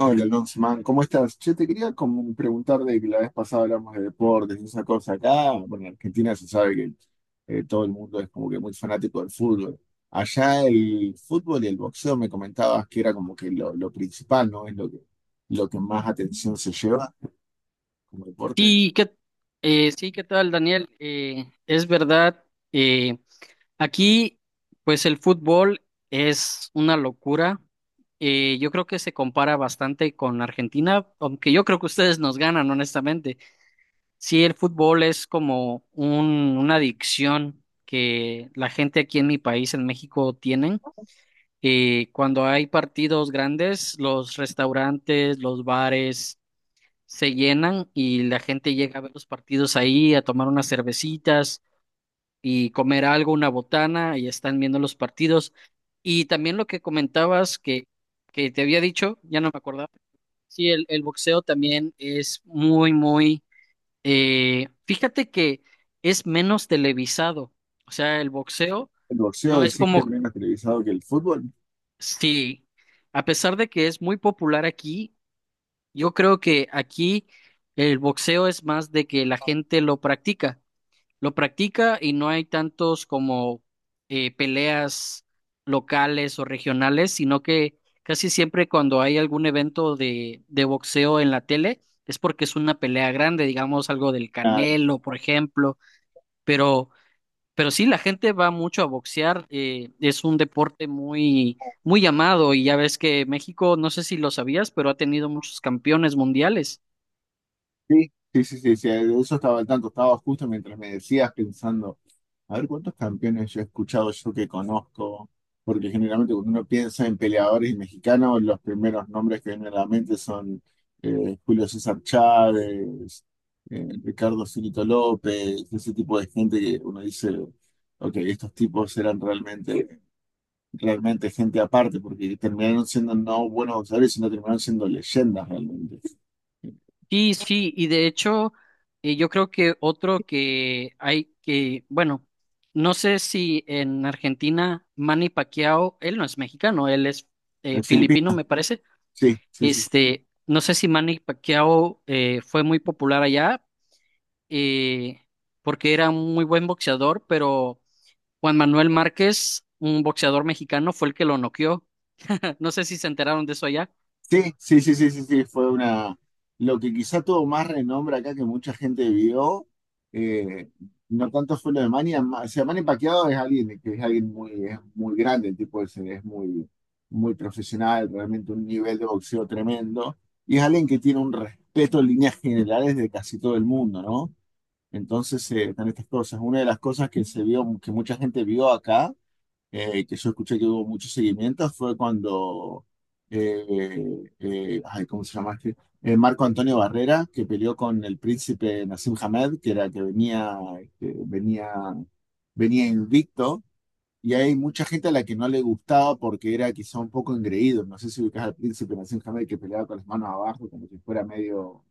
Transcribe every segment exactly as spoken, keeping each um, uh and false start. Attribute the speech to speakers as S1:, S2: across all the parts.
S1: Hola, Lonsman, ¿cómo estás? Yo te quería como preguntar de que la vez pasada hablamos de deportes y esa cosa acá. Bueno, en Argentina se sabe que eh, todo el mundo es como que muy fanático del fútbol. Allá el fútbol y el boxeo me comentabas que era como que lo, lo principal, ¿no? Es lo que, lo que más atención se lleva como deporte.
S2: Sí. ¿qué, eh, sí, ¿qué tal, Daniel? Eh, es verdad. eh, Aquí pues el fútbol es una locura. Eh, yo creo que se compara bastante con Argentina, aunque yo creo que ustedes nos ganan, honestamente. Sí, el fútbol es como un, una adicción que la gente aquí en mi país, en México, tienen. Eh, cuando hay partidos grandes, los restaurantes, los bares se llenan y la gente llega a ver los partidos ahí, a tomar unas cervecitas y comer algo, una botana, y están viendo los partidos. Y también lo que comentabas que, que te había dicho, ya no me acordaba. Sí, el, el boxeo también es muy, muy... eh, fíjate que es menos televisado. O sea, el boxeo
S1: ¿El boxeo
S2: no es
S1: decís que es
S2: como...
S1: menos televisado que el fútbol?
S2: Sí, a pesar de que es muy popular aquí, yo creo que aquí el boxeo es más de que la gente lo practica, lo practica y no hay tantos como eh, peleas locales o regionales, sino que casi siempre cuando hay algún evento de, de boxeo en la tele es porque es una pelea grande, digamos algo del
S1: Ah.
S2: Canelo, por ejemplo, pero, pero sí, la gente va mucho a boxear. Eh, es un deporte muy, muy amado, y ya ves que México, no sé si lo sabías, pero ha tenido muchos campeones mundiales.
S1: Sí, sí, sí, sí, sí, de eso estaba al tanto, estaba justo mientras me decías pensando, a ver cuántos campeones yo he escuchado, yo que conozco, porque generalmente cuando uno piensa en peleadores mexicanos, los primeros nombres que vienen a la mente son eh, Julio César Chávez, eh, Ricardo Finito López, ese tipo de gente que uno dice, ok, estos tipos eran realmente, realmente gente aparte, porque terminaron siendo no buenos boxeadores, sino terminaron siendo leyendas realmente.
S2: Sí, sí, y de hecho, eh, yo creo que otro que hay que, bueno, no sé si en Argentina Manny Pacquiao, él no es mexicano, él es
S1: En
S2: eh, filipino,
S1: Ah,
S2: me parece.
S1: sí, sí, sí.
S2: Este, no sé si Manny Pacquiao eh, fue muy popular allá, eh, porque era un muy buen boxeador, pero Juan Manuel Márquez, un boxeador mexicano, fue el que lo noqueó. No sé si se enteraron de eso allá.
S1: Sí, sí, sí, sí, sí, sí, fue una. Lo que quizá tuvo más renombre acá que mucha gente vio, eh, no tanto fue lo de Manny, ama- o sea, Manny Pacquiao es alguien que es alguien muy, es muy grande, el tipo ese es muy, muy profesional, realmente un nivel de boxeo tremendo, y es alguien que tiene un respeto en líneas generales de casi todo el mundo, ¿no? Entonces, eh, están estas cosas. Una de las cosas que se vio, que mucha gente vio acá, eh, que yo escuché que hubo muchos seguimientos, fue cuando, eh, eh, ay, ¿cómo se llama este? Eh, Marco Antonio Barrera, que peleó con el príncipe Nassim Hamed, que era que venía, este, venía, venía invicto, y hay mucha gente a la que no le gustaba porque era quizá un poco engreído. No sé si ubicás al príncipe Nassim Hamed que peleaba con las manos abajo, como si fuera medio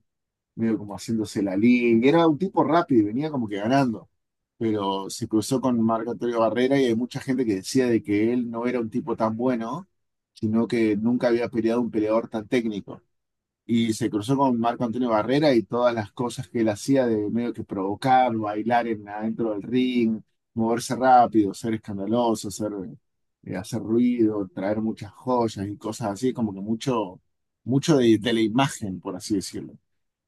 S1: medio como haciéndose la línea. Era un tipo rápido y venía como que ganando. Pero se cruzó con Marc Antonio Barrera y hay mucha gente que decía de que él no era un tipo tan bueno, sino que nunca había peleado un peleador tan técnico. Y se cruzó con Marc Antonio Barrera y todas las cosas que él hacía de medio que provocar, bailar en, adentro del ring, moverse rápido, ser escandaloso, ser, eh, hacer ruido, traer muchas joyas y cosas así, como que mucho, mucho de de la imagen, por así decirlo.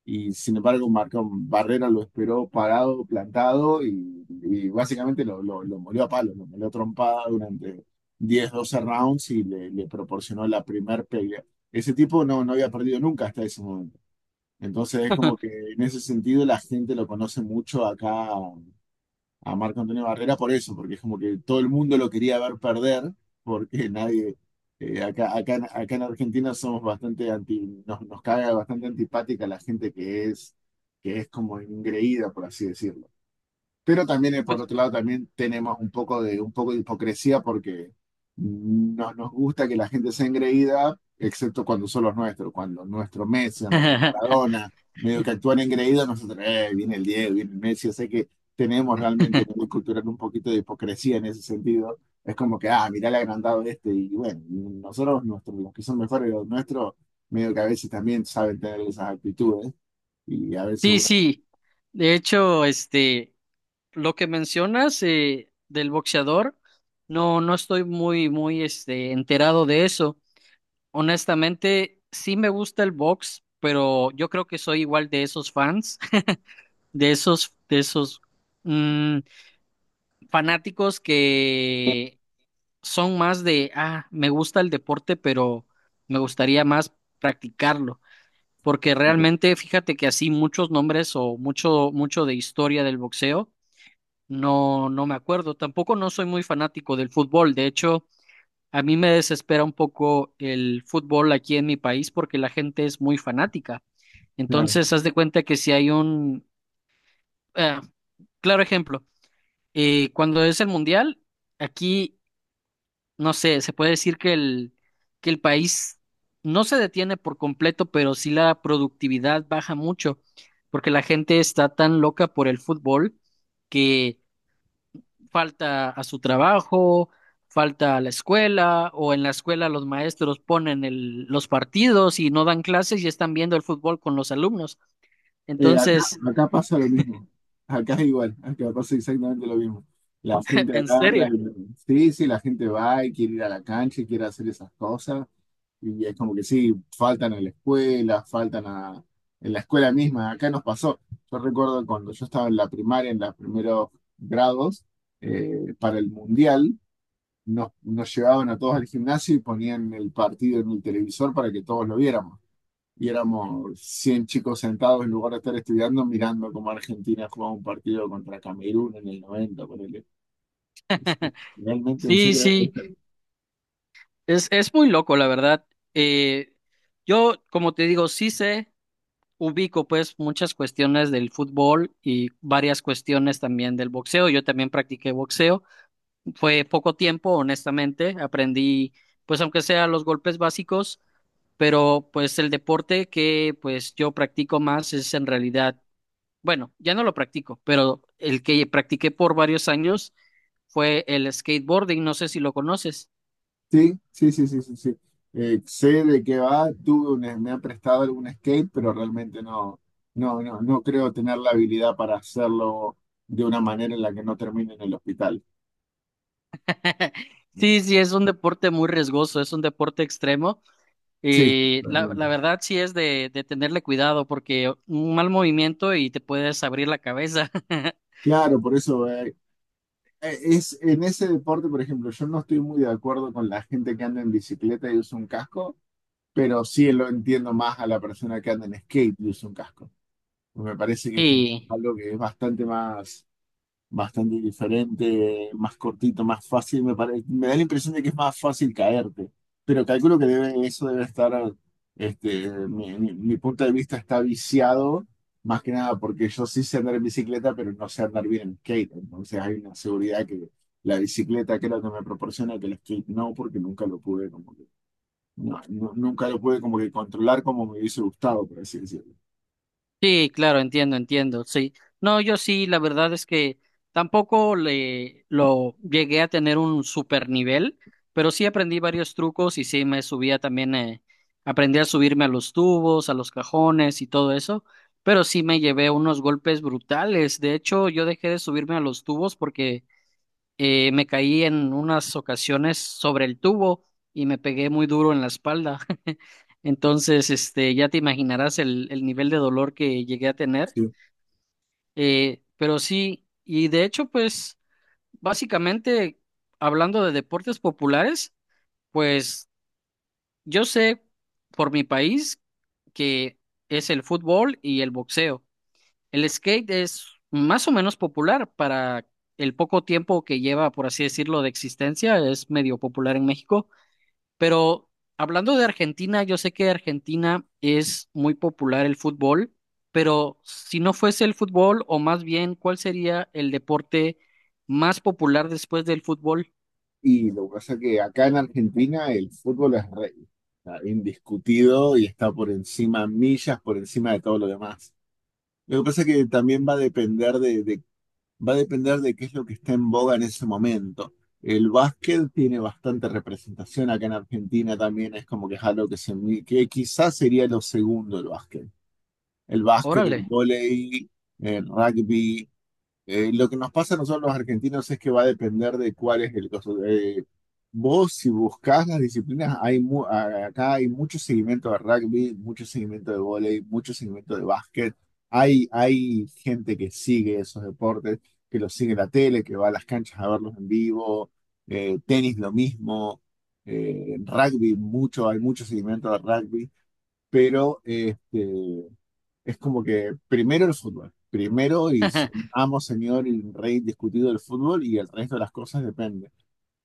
S1: Y sin embargo, Marcón Barrera lo esperó parado, plantado y, y básicamente lo, lo, lo molió a palos, lo molió a trompada durante diez doce rounds y le, le proporcionó la primer pelea. Ese tipo no, no había perdido nunca hasta ese momento. Entonces es como que en ese sentido la gente lo conoce mucho acá a Marco Antonio Barrera por eso, porque es como que todo el mundo lo quería ver perder, porque nadie, eh, acá, acá, en- acá en Argentina somos bastante anti, nos, nos caga bastante antipática la gente que es, que es como ingreída, por así decirlo. Pero también, eh, por
S2: Pues,
S1: otro lado, también tenemos un poco de, un poco de hipocresía porque no nos gusta que la gente sea engreída, excepto cuando son los nuestros, cuando nuestro Messi, o nuestro Maradona, medio que actúan engreídos, nosotros, eh, viene el Diego, viene el Messi, o sea que tenemos realmente en el cultural un poquito de hipocresía en ese sentido. Es como que, ah, mirá el agrandado este, y bueno, nosotros, nuestros, los que son mejores de los nuestros, medio que a veces también saben tener esas actitudes, y a veces
S2: sí,
S1: uno.
S2: sí. De hecho, este. Lo que mencionas eh, del boxeador, no, no estoy muy, muy, este, enterado de eso. Honestamente, sí me gusta el box, pero yo creo que soy igual de esos fans, de esos, de esos mm, fanáticos que son más de, ah, me gusta el deporte, pero me gustaría más practicarlo. Porque realmente, fíjate que así muchos nombres o mucho, mucho de historia del boxeo no, no me acuerdo. Tampoco no soy muy fanático del fútbol. De hecho, a mí me desespera un poco el fútbol aquí en mi país porque la gente es muy fanática. Entonces, haz de cuenta que si hay un eh, claro ejemplo, eh, cuando es el mundial, aquí, no sé, se puede decir que el, que el país no se detiene por completo, pero sí la productividad baja mucho porque la gente está tan loca por el fútbol que falta a su trabajo, falta a la escuela, o en la escuela los maestros ponen el- los partidos y no dan clases y están viendo el fútbol con los alumnos.
S1: Eh, acá,
S2: Entonces,
S1: acá pasa lo mismo. Acá es igual, acá pasa exactamente lo mismo. La gente
S2: en
S1: agarra
S2: serio,
S1: y- sí, sí, la gente va y quiere ir a la cancha y quiere hacer esas cosas. Y es como que sí, faltan a la escuela, faltan a, en la escuela misma. Acá nos pasó. Yo recuerdo cuando yo estaba en la primaria, en los primeros grados, eh, para el mundial, nos, nos llevaban a todos al gimnasio y ponían el partido en el televisor para que todos lo viéramos y éramos cien chicos sentados en lugar de estar estudiando, mirando cómo Argentina jugaba un partido contra Camerún en el noventa ponele. Es Realmente, en
S2: sí,
S1: serio. es-
S2: sí, es, es, muy loco, la verdad. Eh, yo, como te digo, sí sé, ubico pues muchas cuestiones del fútbol y varias cuestiones también del boxeo. Yo también practiqué boxeo. Fue poco tiempo, honestamente. Aprendí, pues, aunque sea los golpes básicos, pero pues el deporte que pues yo practico más es en realidad, bueno, ya no lo practico, pero el que practiqué por varios años fue el skateboarding. No sé si lo conoces.
S1: Sí, sí, sí, sí, sí, sí. Eh, sé de qué va, tuve un- me han prestado algún skate, pero realmente no, no, no, no creo tener la habilidad para hacerlo de una manera en la que no termine en el hospital.
S2: Sí, sí, es un deporte muy riesgoso, es un deporte extremo,
S1: Sí,
S2: y la, la verdad sí es de, de tenerle cuidado, porque un mal movimiento y te puedes abrir la cabeza.
S1: claro, por eso eh, eh, es en ese deporte, por ejemplo, yo no estoy muy de acuerdo con la gente que anda en bicicleta y usa un casco pero sí lo entiendo más a la persona que anda en skate y usa un casco. Me parece que es como
S2: Y
S1: algo que es bastante más, bastante diferente, más cortito, más fácil. Me pare- me da la impresión de que es más fácil caerte, pero calculo que debe, eso debe estar, este, mi, mi- mi punto de vista está viciado, más que nada porque yo sí sé andar en bicicleta, pero no sé andar bien en skate. Entonces hay una seguridad que la bicicleta creo que me proporciona que el skate no, porque nunca lo pude como no- nu- nunca lo pude como que controlar como me hubiese gustado, por así decirlo.
S2: sí, claro, entiendo, entiendo, sí. No, yo sí, la verdad es que tampoco le lo llegué a tener un super nivel, pero sí aprendí varios trucos y sí me subía también. Eh, aprendí a subirme a los tubos, a los cajones y todo eso, pero sí me llevé unos golpes brutales. De hecho, yo dejé de subirme a los tubos porque eh, me caí en unas ocasiones sobre el tubo y me pegué muy duro en la espalda. Entonces, este, ya te imaginarás el, el, nivel de dolor que llegué a tener.
S1: Sí.
S2: Eh, pero sí, y de hecho, pues, básicamente, hablando de deportes populares, pues yo sé por mi país que es el fútbol y el boxeo. El skate es más o menos popular para el poco tiempo que lleva, por así decirlo, de existencia. Es medio popular en México. Pero hablando de Argentina, yo sé que Argentina es muy popular el fútbol, pero si no fuese el fútbol, o más bien, ¿cuál sería el deporte más popular después del fútbol?
S1: Y lo que pasa es que acá en Argentina el fútbol es rey, está indiscutido y está por encima, millas por encima de todo lo demás. Lo que pasa es que también va a depender de, de- va a depender de qué es lo que está en boga en ese momento. El básquet tiene bastante representación acá en Argentina también, es como que es algo que, se, mi- que quizás sería lo segundo el básquet. El básquet,
S2: Órale.
S1: el vóley, el rugby. Eh, lo que nos pasa a nosotros los argentinos es que va a depender de cuál es el caso. Eh, vos, si buscás las disciplinas, hay mu- a- acá hay mucho seguimiento de rugby, mucho seguimiento de vóley, mucho seguimiento de básquet. Hay, hay gente que sigue esos deportes, que los sigue en la tele, que va a las canchas a verlos en vivo. Eh, tenis, lo mismo. Eh, rugby, mucho, hay mucho seguimiento de rugby. Pero este, es como que primero el fútbol, primero y se- amo, señor y rey discutido del fútbol y el resto de las cosas depende.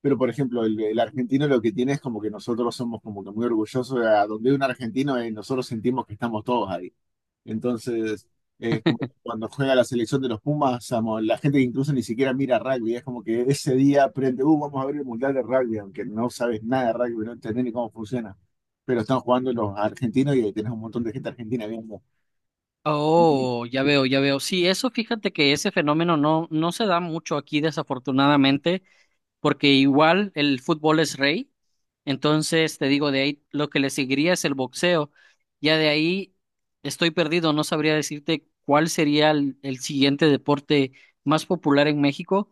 S1: Pero, por ejemplo, el, el argentino lo que tiene es como que nosotros somos como que muy orgullosos de a donde hay un argentino eh, nosotros sentimos que estamos todos ahí. Entonces, es como que cuando juega la selección de los Pumas, amo, la gente que incluso ni siquiera mira rugby, es como que ese día aprende, uh, vamos a ver el Mundial de Rugby, aunque no sabes nada de rugby, no entendés ni cómo funciona. Pero están jugando los argentinos y ahí tenés un montón de gente argentina viendo.
S2: Oh, ya veo, ya veo. Sí, eso fíjate que ese fenómeno no, no se da mucho aquí, desafortunadamente, porque igual el fútbol es rey, entonces te digo, de ahí lo que le seguiría es el boxeo, ya de ahí estoy perdido, no sabría decirte cuál sería el, el, siguiente deporte más popular en México,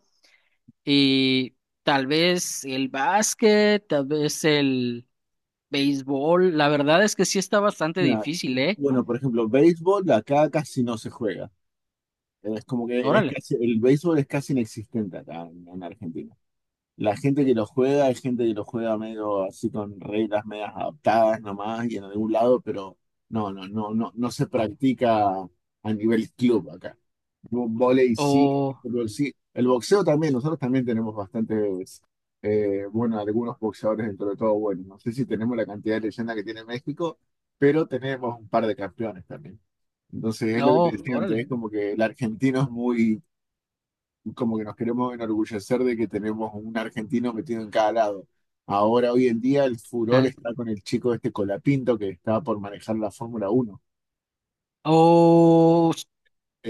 S2: y tal vez el básquet, tal vez el béisbol, la verdad es que sí está bastante difícil, ¿eh?
S1: Bueno, por ejemplo, béisbol acá casi no se juega. Es como que es
S2: Órale.
S1: casi, el béisbol es casi inexistente acá en, en Argentina. La gente que lo juega es gente que lo juega medio así con reglas medias adaptadas nomás y en algún lado, pero no, no, no, no, no se practica a nivel club acá. Vo- Vóley sí,
S2: o,
S1: fútbol sí. El boxeo también, nosotros también tenemos bastantes, eh, bueno, algunos boxeadores dentro de todo bueno. No sé si tenemos la cantidad de leyenda que tiene México, pero tenemos un par de campeones también. Entonces es lo que te
S2: no,
S1: decía antes,
S2: órale.
S1: es como que el argentino es muy, como que nos queremos enorgullecer de que tenemos un argentino metido en cada lado. Ahora, hoy en día, el furor
S2: Ah.
S1: está con el chico este Colapinto que está por manejar la Fórmula Uno.
S2: O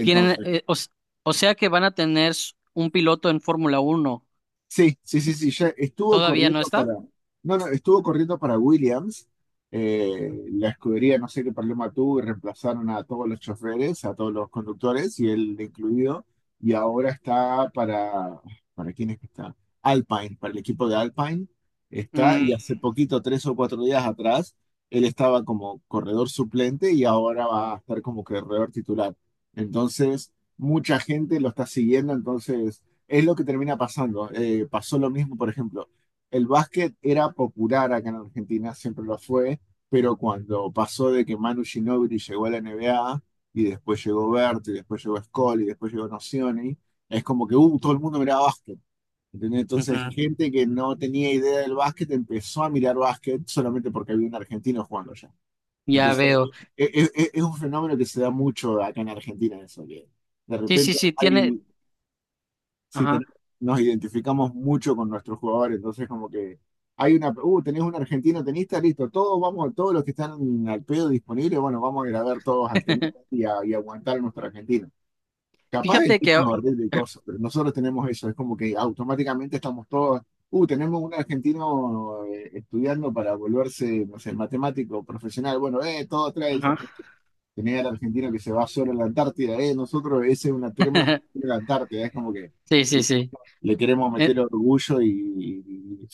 S2: Tienen, eh, o, s- O sea que van a tener s- un piloto en Fórmula Uno.
S1: Sí, sí, sí, sí, ya estuvo
S2: ¿Todavía no
S1: corriendo para,
S2: está?
S1: no, no, estuvo corriendo para Williams, eh, la escudería no sé qué problema tuvo y reemplazaron a todos los choferes, a todos los conductores y él incluido, y ahora está para, ¿para quién es que está? Alpine, para el equipo de Alpine está,
S2: Mm,
S1: y hace poquito, tres o cuatro días atrás, él estaba como corredor suplente y ahora va a estar como corredor titular. Entonces, mucha gente lo está siguiendo, entonces es lo que termina pasando. Eh, pasó lo mismo, por ejemplo, el básquet era popular acá en Argentina, siempre lo fue, pero cuando pasó de que Manu Ginóbili llegó a la N B A y después llegó Berti, y después llegó Scola y después llegó Nocioni, es como que uh, todo el mundo miraba básquet. ¿Entendés? Entonces,
S2: ujú,
S1: gente que no tenía idea del básquet empezó a mirar básquet solamente porque había un argentino jugando allá.
S2: ya
S1: Entonces,
S2: veo.
S1: es, es- es un fenómeno que se da mucho acá en Argentina, eso, que de
S2: Sí, sí,
S1: repente
S2: sí, tiene.
S1: hay, sí, ten-
S2: Ajá.
S1: nos identificamos mucho con nuestros jugadores, entonces como que hay una, uh, tenés un argentino tenista, listo, todos vamos, todos los que están al pedo disponibles, bueno, vamos a ir a ver todos al tenista y, a- y aguantar a nuestro argentino. Capaz el
S2: Fíjate que,
S1: tipo nos
S2: a-
S1: ordena y cosas, pero nosotros tenemos eso, es como que automáticamente estamos todos, uh, tenemos un argentino eh, estudiando para volverse, no sé, matemático profesional, bueno, eh, todo trae esa.
S2: ajá.
S1: Tener al argentino que se va solo a la Antártida, eh, nosotros ese es una tremenda en la Antártida, es como que
S2: Sí, sí, sí.
S1: le queremos
S2: Eh,
S1: meter orgullo y,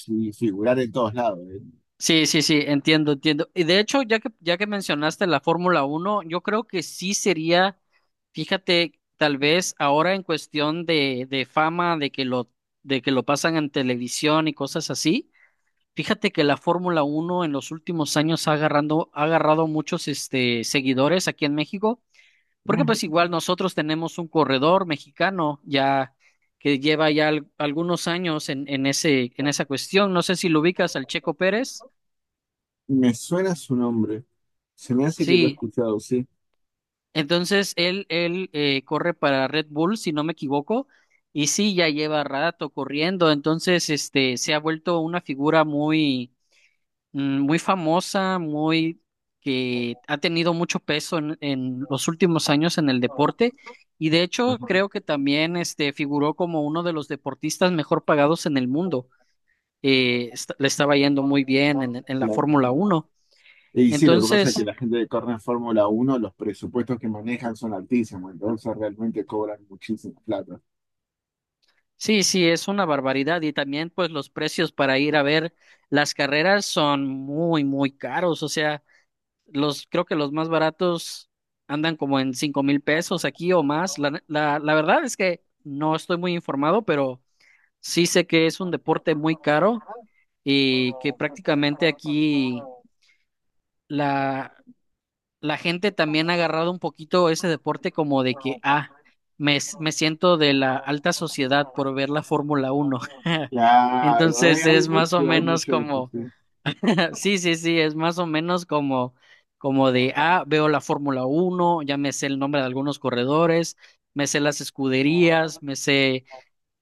S1: y- y figurar en todos lados. eh.
S2: sí, sí, sí, entiendo, entiendo. Y de hecho, ya que, ya que, mencionaste la Fórmula Uno, yo creo que sí sería, fíjate, tal vez ahora en cuestión de, de, fama, de que lo, de que lo pasan en televisión y cosas así. Fíjate que la Fórmula Uno en los últimos años ha agarrando, ha agarrado muchos, este, seguidores aquí en México, porque
S1: No,
S2: pues igual nosotros tenemos un corredor mexicano ya que lleva ya al- algunos años en, en ese, en
S1: no,
S2: esa cuestión. No sé si lo ubicas al Checo Pérez.
S1: me suena su nombre, se me hace que lo he
S2: Sí,
S1: escuchado, sí.
S2: entonces él, él eh, corre para Red Bull, si no me equivoco, y sí, ya lleva rato corriendo, entonces, este, se ha vuelto una figura muy, mm, muy famosa, muy que ha tenido mucho peso en, en, los últimos años en el deporte, y de hecho
S1: Ajá,
S2: creo que también este figuró como uno de los deportistas mejor pagados en el mundo. Eh, est- le estaba yendo muy bien en, en la
S1: claro.
S2: Fórmula Uno.
S1: Y sí, lo que pasa es que
S2: Entonces,
S1: la gente de corre Fórmula Uno los presupuestos que manejan son altísimos, entonces realmente cobran muchísima plata.
S2: sí, sí, es una barbaridad, y también pues los precios para ir a ver las carreras son muy, muy caros. O sea, Los, creo que los más baratos andan como en cinco mil pesos aquí o más. La, la, la verdad es que no estoy muy informado, pero sí sé que es un deporte muy caro, y que prácticamente aquí la, la, gente también ha agarrado un poquito ese deporte como de que, ah, me, s- me siento de la alta sociedad por ver la Fórmula uno.
S1: Claro, hay,
S2: Entonces
S1: hay
S2: es más o
S1: mucho, hay
S2: menos
S1: mucho de eso,
S2: como...
S1: sí.
S2: Sí, sí, sí, es más o menos como, como, de, ah, veo la Fórmula Uno, ya me sé el nombre de algunos corredores, me sé las escuderías, me sé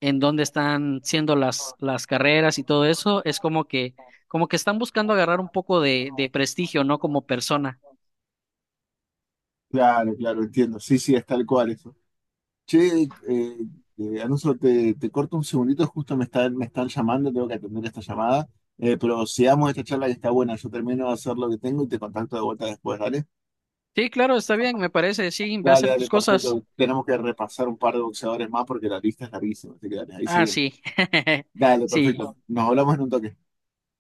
S2: en dónde están siendo las, las carreras y todo eso, es como que, como que, están buscando agarrar un poco de, de prestigio, ¿no? Como persona.
S1: Claro, claro, entiendo. Sí, sí, es tal cual, es. Che, eh, eh, Alonso, te, te corto un segundito, justo me están, me están llamando, tengo que atender esta llamada, eh, pero sigamos esta charla que está buena, yo termino de hacer lo que tengo y te contacto de vuelta después, ¿dale?
S2: Sí, claro, está bien, me parece, sí, ve a
S1: Dale,
S2: hacer
S1: dale,
S2: tus cosas.
S1: perfecto. Tenemos que repasar un par de boxeadores más porque la lista es larguísima, así que dale, ahí
S2: Ah,
S1: seguimos.
S2: sí,
S1: Dale,
S2: sí,
S1: perfecto. Nos hablamos en un toque.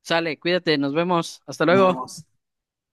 S2: sale, cuídate, nos vemos, hasta
S1: Nos
S2: luego.
S1: vemos.